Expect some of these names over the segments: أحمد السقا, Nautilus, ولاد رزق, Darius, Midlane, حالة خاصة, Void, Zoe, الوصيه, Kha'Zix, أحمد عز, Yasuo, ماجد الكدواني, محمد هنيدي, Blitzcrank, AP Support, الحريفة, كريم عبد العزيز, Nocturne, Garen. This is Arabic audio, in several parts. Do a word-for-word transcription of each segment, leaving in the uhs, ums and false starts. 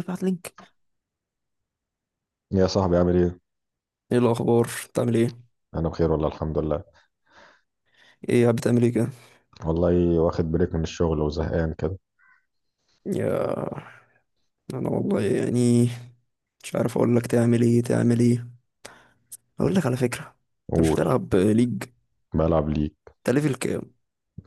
ابعت لينك. يا صاحبي عامل ايه؟ ايه الاخبار، بتعمل ايه؟ انا بخير والله الحمد لله. ايه قاعد بتعمل ايه كده؟ والله واخد بريك من الشغل وزهقان كده. يا انا والله يعني مش عارف اقول لك تعمل ايه تعمل ايه. اقول لك على فكره، انت مش قول. بتلعب ليج؟ بلعب ليك. انت ليفل كام؟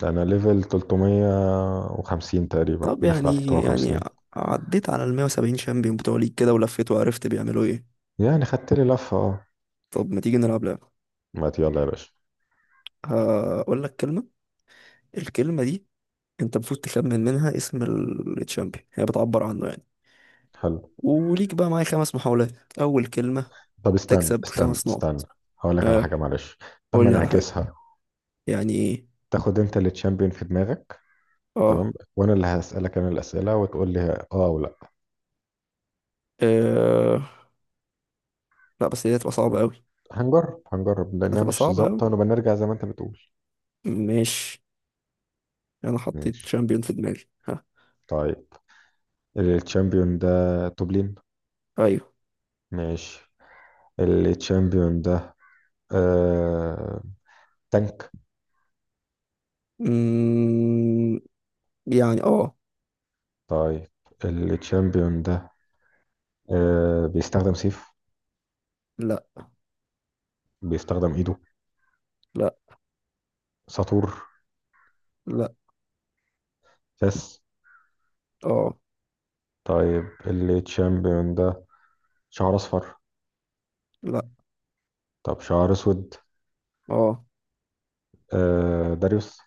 انا ليفل ثلاثمية وخمسين تقريبا، طب داخل على يعني يعني ع- ثلاثمية وخمسين. عديت على ال مية وسبعين شامبيون بتوع ليج كده ولفيت وعرفت بيعملوا ايه؟ يعني خدت لي لفة، اه. طب ما تيجي نلعب لعبه؟ ما ت- يلا يا باشا. هقول لك كلمه، الكلمه دي انت المفروض تخمن منها اسم ال- الشامبيون هي بتعبر عنه يعني. حلو. وليك بقى معايا خمس محاولات. اول كلمه طب استنى تكسب استنى خمس استنى، نقط. هقول لك على أه، حاجة معلش. طب قول ما لي على حاجه. نعكسها؟ يعني ايه؟ تاخد انت اللي تشامبيون في دماغك، اه. تمام، وانا اللي هسألك، انا الأسئلة، وتقول لي اه او لا. آه، لا بس دي هتبقى صعبة أوي. هنجرب هنجرب لا، لانها هتبقى مش صعبة أوي. ظابطة، ونبقى نرجع زي ما انت بتقول. ماشي. أنا حطيت ماشي. شامبيون في دماغي، ها. طيب الشامبيون ده توب لين؟ أيوه. ماشي. التشامبيون ده آه... تانك؟ مم... يعني اه. طيب التشامبيون ده آه... بيستخدم سيف؟ لا بيستخدم ايده؟ لا ساطور؟ لا. فاس؟ اه. طيب التشامبيون ده شعر اصفر؟ لا. طب شعر اسود؟ اه. آه... داريوس؟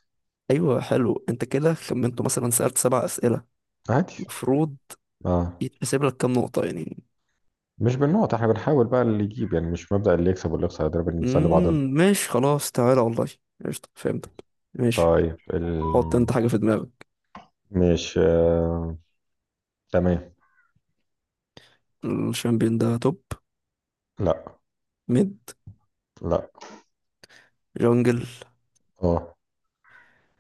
أيوه حلو، أنت كده خمنته. مثلا سألت سبع أسئلة، عادي. المفروض اه. يتحسب لك كام نقطة يعني؟ مش بالنقط، احنا بنحاول بقى اللي يجيب، يعني مش مبدأ اللي يكسب واللي يخسر ده، بنسلي بعضنا. مم... ماشي خلاص، تعالى والله. قشطة، فهمتك. ماشي، طيب ال... حط أنت حاجة في دماغك. مش آه... تمام. الشامبيون ده توب؟ لا. ميد؟ لا. جونجل؟ اه.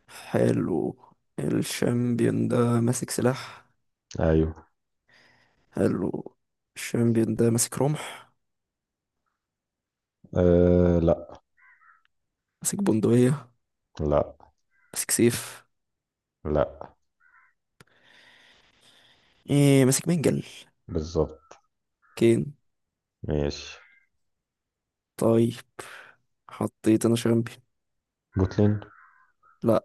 حلو. الشامبيون ده ماسك سلاح؟ ايوه. حلو. الشامبيون ده ماسك رمح؟ آه... لا. ماسك بندقية؟ لا. ماسك سيف؟ لا. ايه ماسك منجل؟ بالظبط. كين. ماشي. طيب، حطيت انا شامبيون. جوتلين. لا.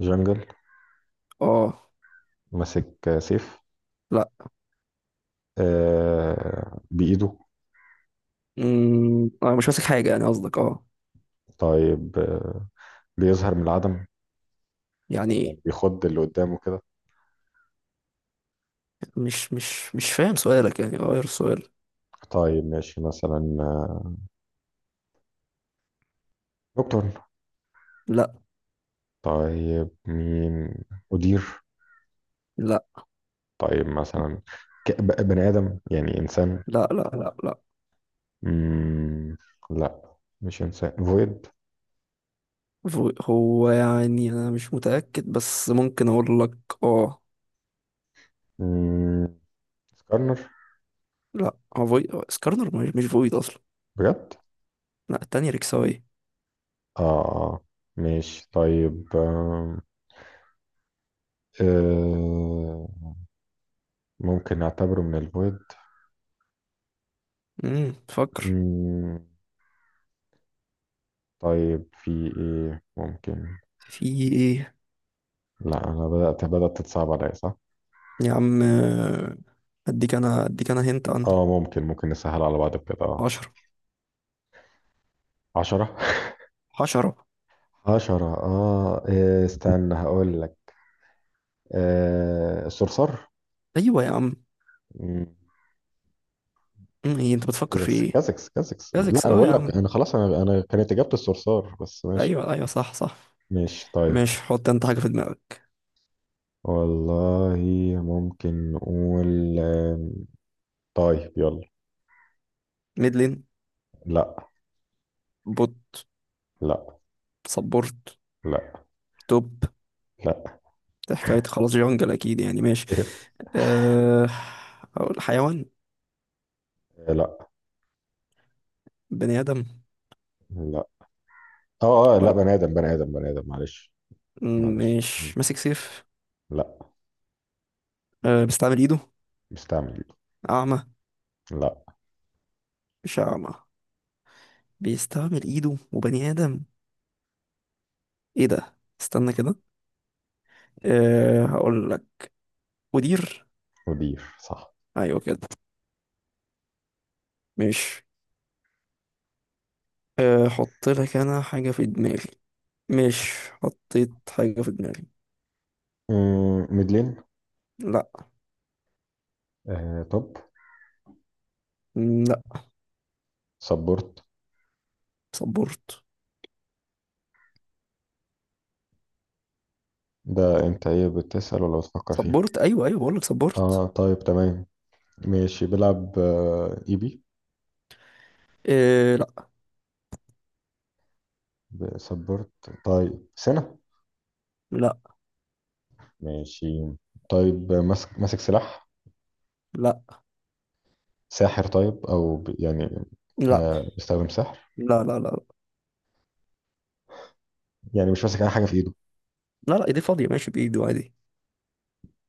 جنجل. اه. ماسك سيف؟ لا. آه بإيده. امم اه مش ماسك حاجة يعني قصدك؟ اه. طيب آه، بيظهر من العدم، يعني ايه؟ يعني بيخض اللي قدامه كده. مش مش مش فاهم سؤالك يعني، غير السؤال. طيب ماشي، مثلا آه، نوكتورن. لا طيب مين؟ أدير؟ لا طيب مثلا ك- ب- بني آدم، يعني إنسان. لا لا. لا. لا. مم. لا. مش إنسان، فويد. فو- هو يعني انا مش متأكد بس ممكن اقول لك اه. مم. سكارنر. لا هو فويد. سكارنر مش مش فويد اصلا. بجد. لا، التانية ركساوي. آه. آه، ماشي. طيب آه. آه. ممكن نعتبره من الفويد. امم فكر. مم، طيب في ايه ممكن؟ في ايه؟ لا، انا بدأت بدأت تتصعب عليا، صح. يا عم آه، اديك انا، اديك انا هنت عنه. اه، ممكن ممكن نسهل على بعض كده. اه. عشرة. عشرة عشرة. عشرة، اه إيه، استنى هقول لك. آه، الصرصار. ايوه يا عم. مم، مم، ايه انت بتفكر في كازكس ايه؟ كازكس كازكس. لا كازكس. انا اه يا بقول لك، عم، انا خلاص، انا انا كانت اجابة الصرصار، بس ماشي. ايوه ايوه، صح صح. ماشي. طيب. ماشي، حط انت حاجة في دماغك. والله، ممكن نقول آم، طيب يلا. ميدلين؟ لا. بوت؟ لا. سبورت؟ لا. توب؟ لا. ده حكاية خلاص، جونجل اكيد يعني، ماشي. أه... اقول حيوان؟ لا. بني ادم؟ لا. اه اه، لا ولا. بني ادم، بني ادم، بني ادم، معلش. مم، معلش. مم. مش ماسك سيف؟ لا. أه... بيستعمل ايده؟ مستعمل. اعمى؟ لا. مش اعمى، بيستعمل ايده وبني ادم. ايه ده، استنى كده. أه هقول لك، مدير. مدير، صح. ايوه كده. مش أه، حط لك انا حاجه في دماغي. مش حطيت حاجه في دماغي. مم، ميدلين. لا. آه طب. م، لا. سبورت. صبرت. ده انت ايه، بتسأل ولا بتفكر فيه؟ صبرت ايوه، ايوه بقول لك صبرت. اه طيب تمام. ماشي، بيلعب آه اي بي؟ أه لا. سبورت؟ طيب سنة؟ لا. ماشي. طيب آه، ماسك ماسك سلاح؟ لا. ساحر؟ طيب او ب... يعني لا. آه، بيستخدم سحر؟ لا لا لا لا. يعني مش ماسك اي حاجة في ايده؟ لا، ايدي فاضيه، ماشي بايده عادي.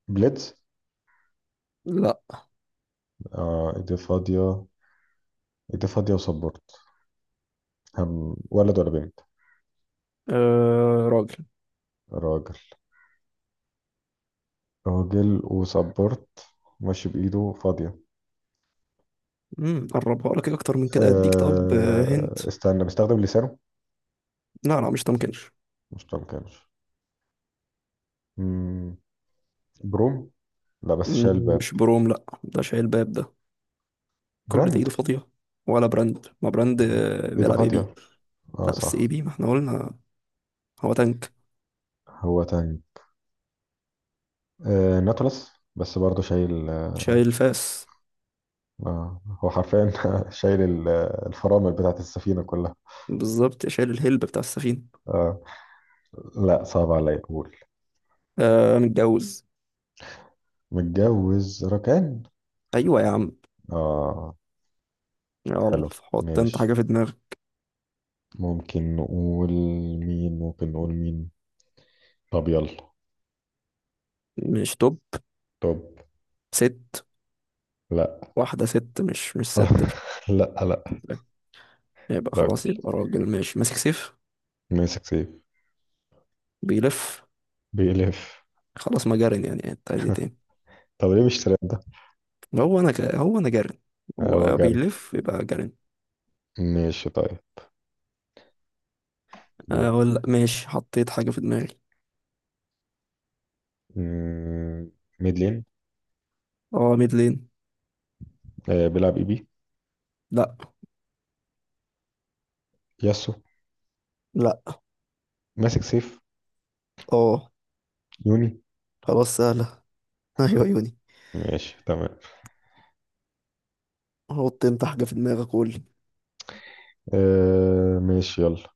بليدز؟ لا. اه، ايديه فاضية. ايديه فاضية وسبورت. هم ولد ولا بنت؟ أه راجل. راجل. راجل وسبورت، ماشي، بإيده فاضية. امم قربها لك إيه اكتر من كده؟ اديك طب آه، هنت. أه استنى، بيستخدم لسانه؟ لا لا مش تمكنش. مش ما كانش. مم، بروم. لا، بس شال مم، باب. مش بروم، لا ده شايل باب ده. كل ده براند. ايده فاضيه، ولا براند. ما براند آه، إيده بيلعب اي بي. فاضية؟ اه لا بس صح. اي بي ما احنا قلنا. هو تانك، هو تاني؟ أه ناتولس، بس برضه شايل. شايل الفاس. آه هو حرفيا شايل ال- الفرامل بتاعت السفينة كلها. بالظبط، شايل الهلب بتاع السفينه. آه. لا، صعب عليا، قول. آه متجوز. متجوز؟ ركان. ايوه يا عم، اه. يلا حلو. حط انت ماشي. حاجه في دماغك. ممكن نقول مين؟ ممكن نقول مين؟ طب يلا. مش توب. طب. ست. لا. واحده ست؟ مش مش ست؟ لا. لا. يبقى راجل، خلاص يبقى راجل، ماشي، ماسك سيف، ماسك سيف، بيلف، بيلف. خلاص ما جارن يعني، انت عايز ايه تاني؟ طب ليه مش ترند ده؟ هو انا ك... هو انا جارن. هو هو جري. بيلف يبقى جارن. ماشي طيب، دورك. اقول ماشي، حطيت حاجه في دماغي. مم، ميد لين. اه ميد لين. آه، بيلعب اي بي؟ لا. ياسو؟ لا. ماسك سيف؟ اه. يوني. خلاص سهلة. ايوه، عيوني. ماشي تمام. حط انت حاجة في دماغك، قول. آه ماشي يلا.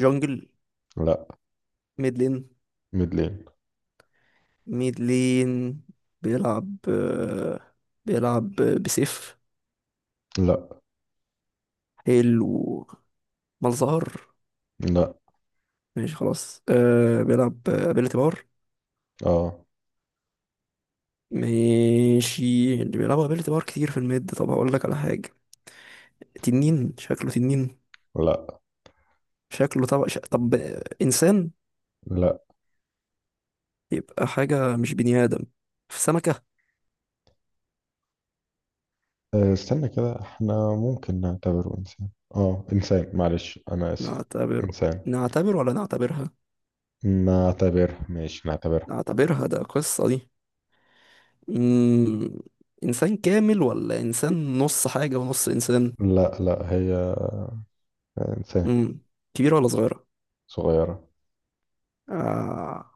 جونجل؟ لا. ميد لين. ميد لين. ميد لين، بيلعب آه، بيلعب بسيف؟ لا. حلو. مالظهر؟ لا. ماشي خلاص. أه بيلعب ابيلتي بار. اه. ماشي، اللي بيلعبوا ابيلتي بار كتير في الميد. طب هقول لك على حاجة. تنين؟ شكله تنين؟ لا. شكله طب ش... طب آه، انسان؟ لا. يبقى حاجة مش بني ادم. في سمكة. أه، استنى كده، احنا ممكن نعتبره انسان. اه انسان، معلش، انا اسف. نعتبره؟ انسان. نعتبر ولا نعتبرها؟ نعتبرها، ماشي، نعتبرها. اعتبرها ده، قصة دي. مم. انسان كامل ولا انسان نص حاجة ونص انسان؟ لا لا، هي انسان. مم. كبيرة ولا صغيرة؟ صغيرة. آه.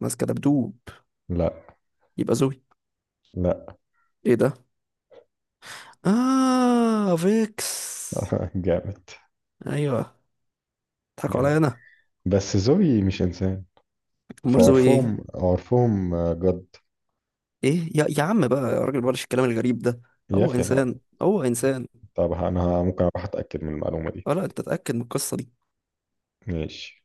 ماسكة دبدوب؟ لا. يبقى زوي. لا. ايه ده، اه فيكس. جامد. ايوه، اضحكوا عليا جامد. انا. بس زوي مش انسان. امال زوي ايه؟ فعرفهم عرفهم آه، جد. ايه يا, يا عم بقى يا راجل، بلاش الكلام الغريب ده. يا هو اخي لا. انسان، هو انسان. طب انا ممكن اروح اتاكد من المعلومة دي. اه لا، انت اتأكد من القصة دي. ماشي.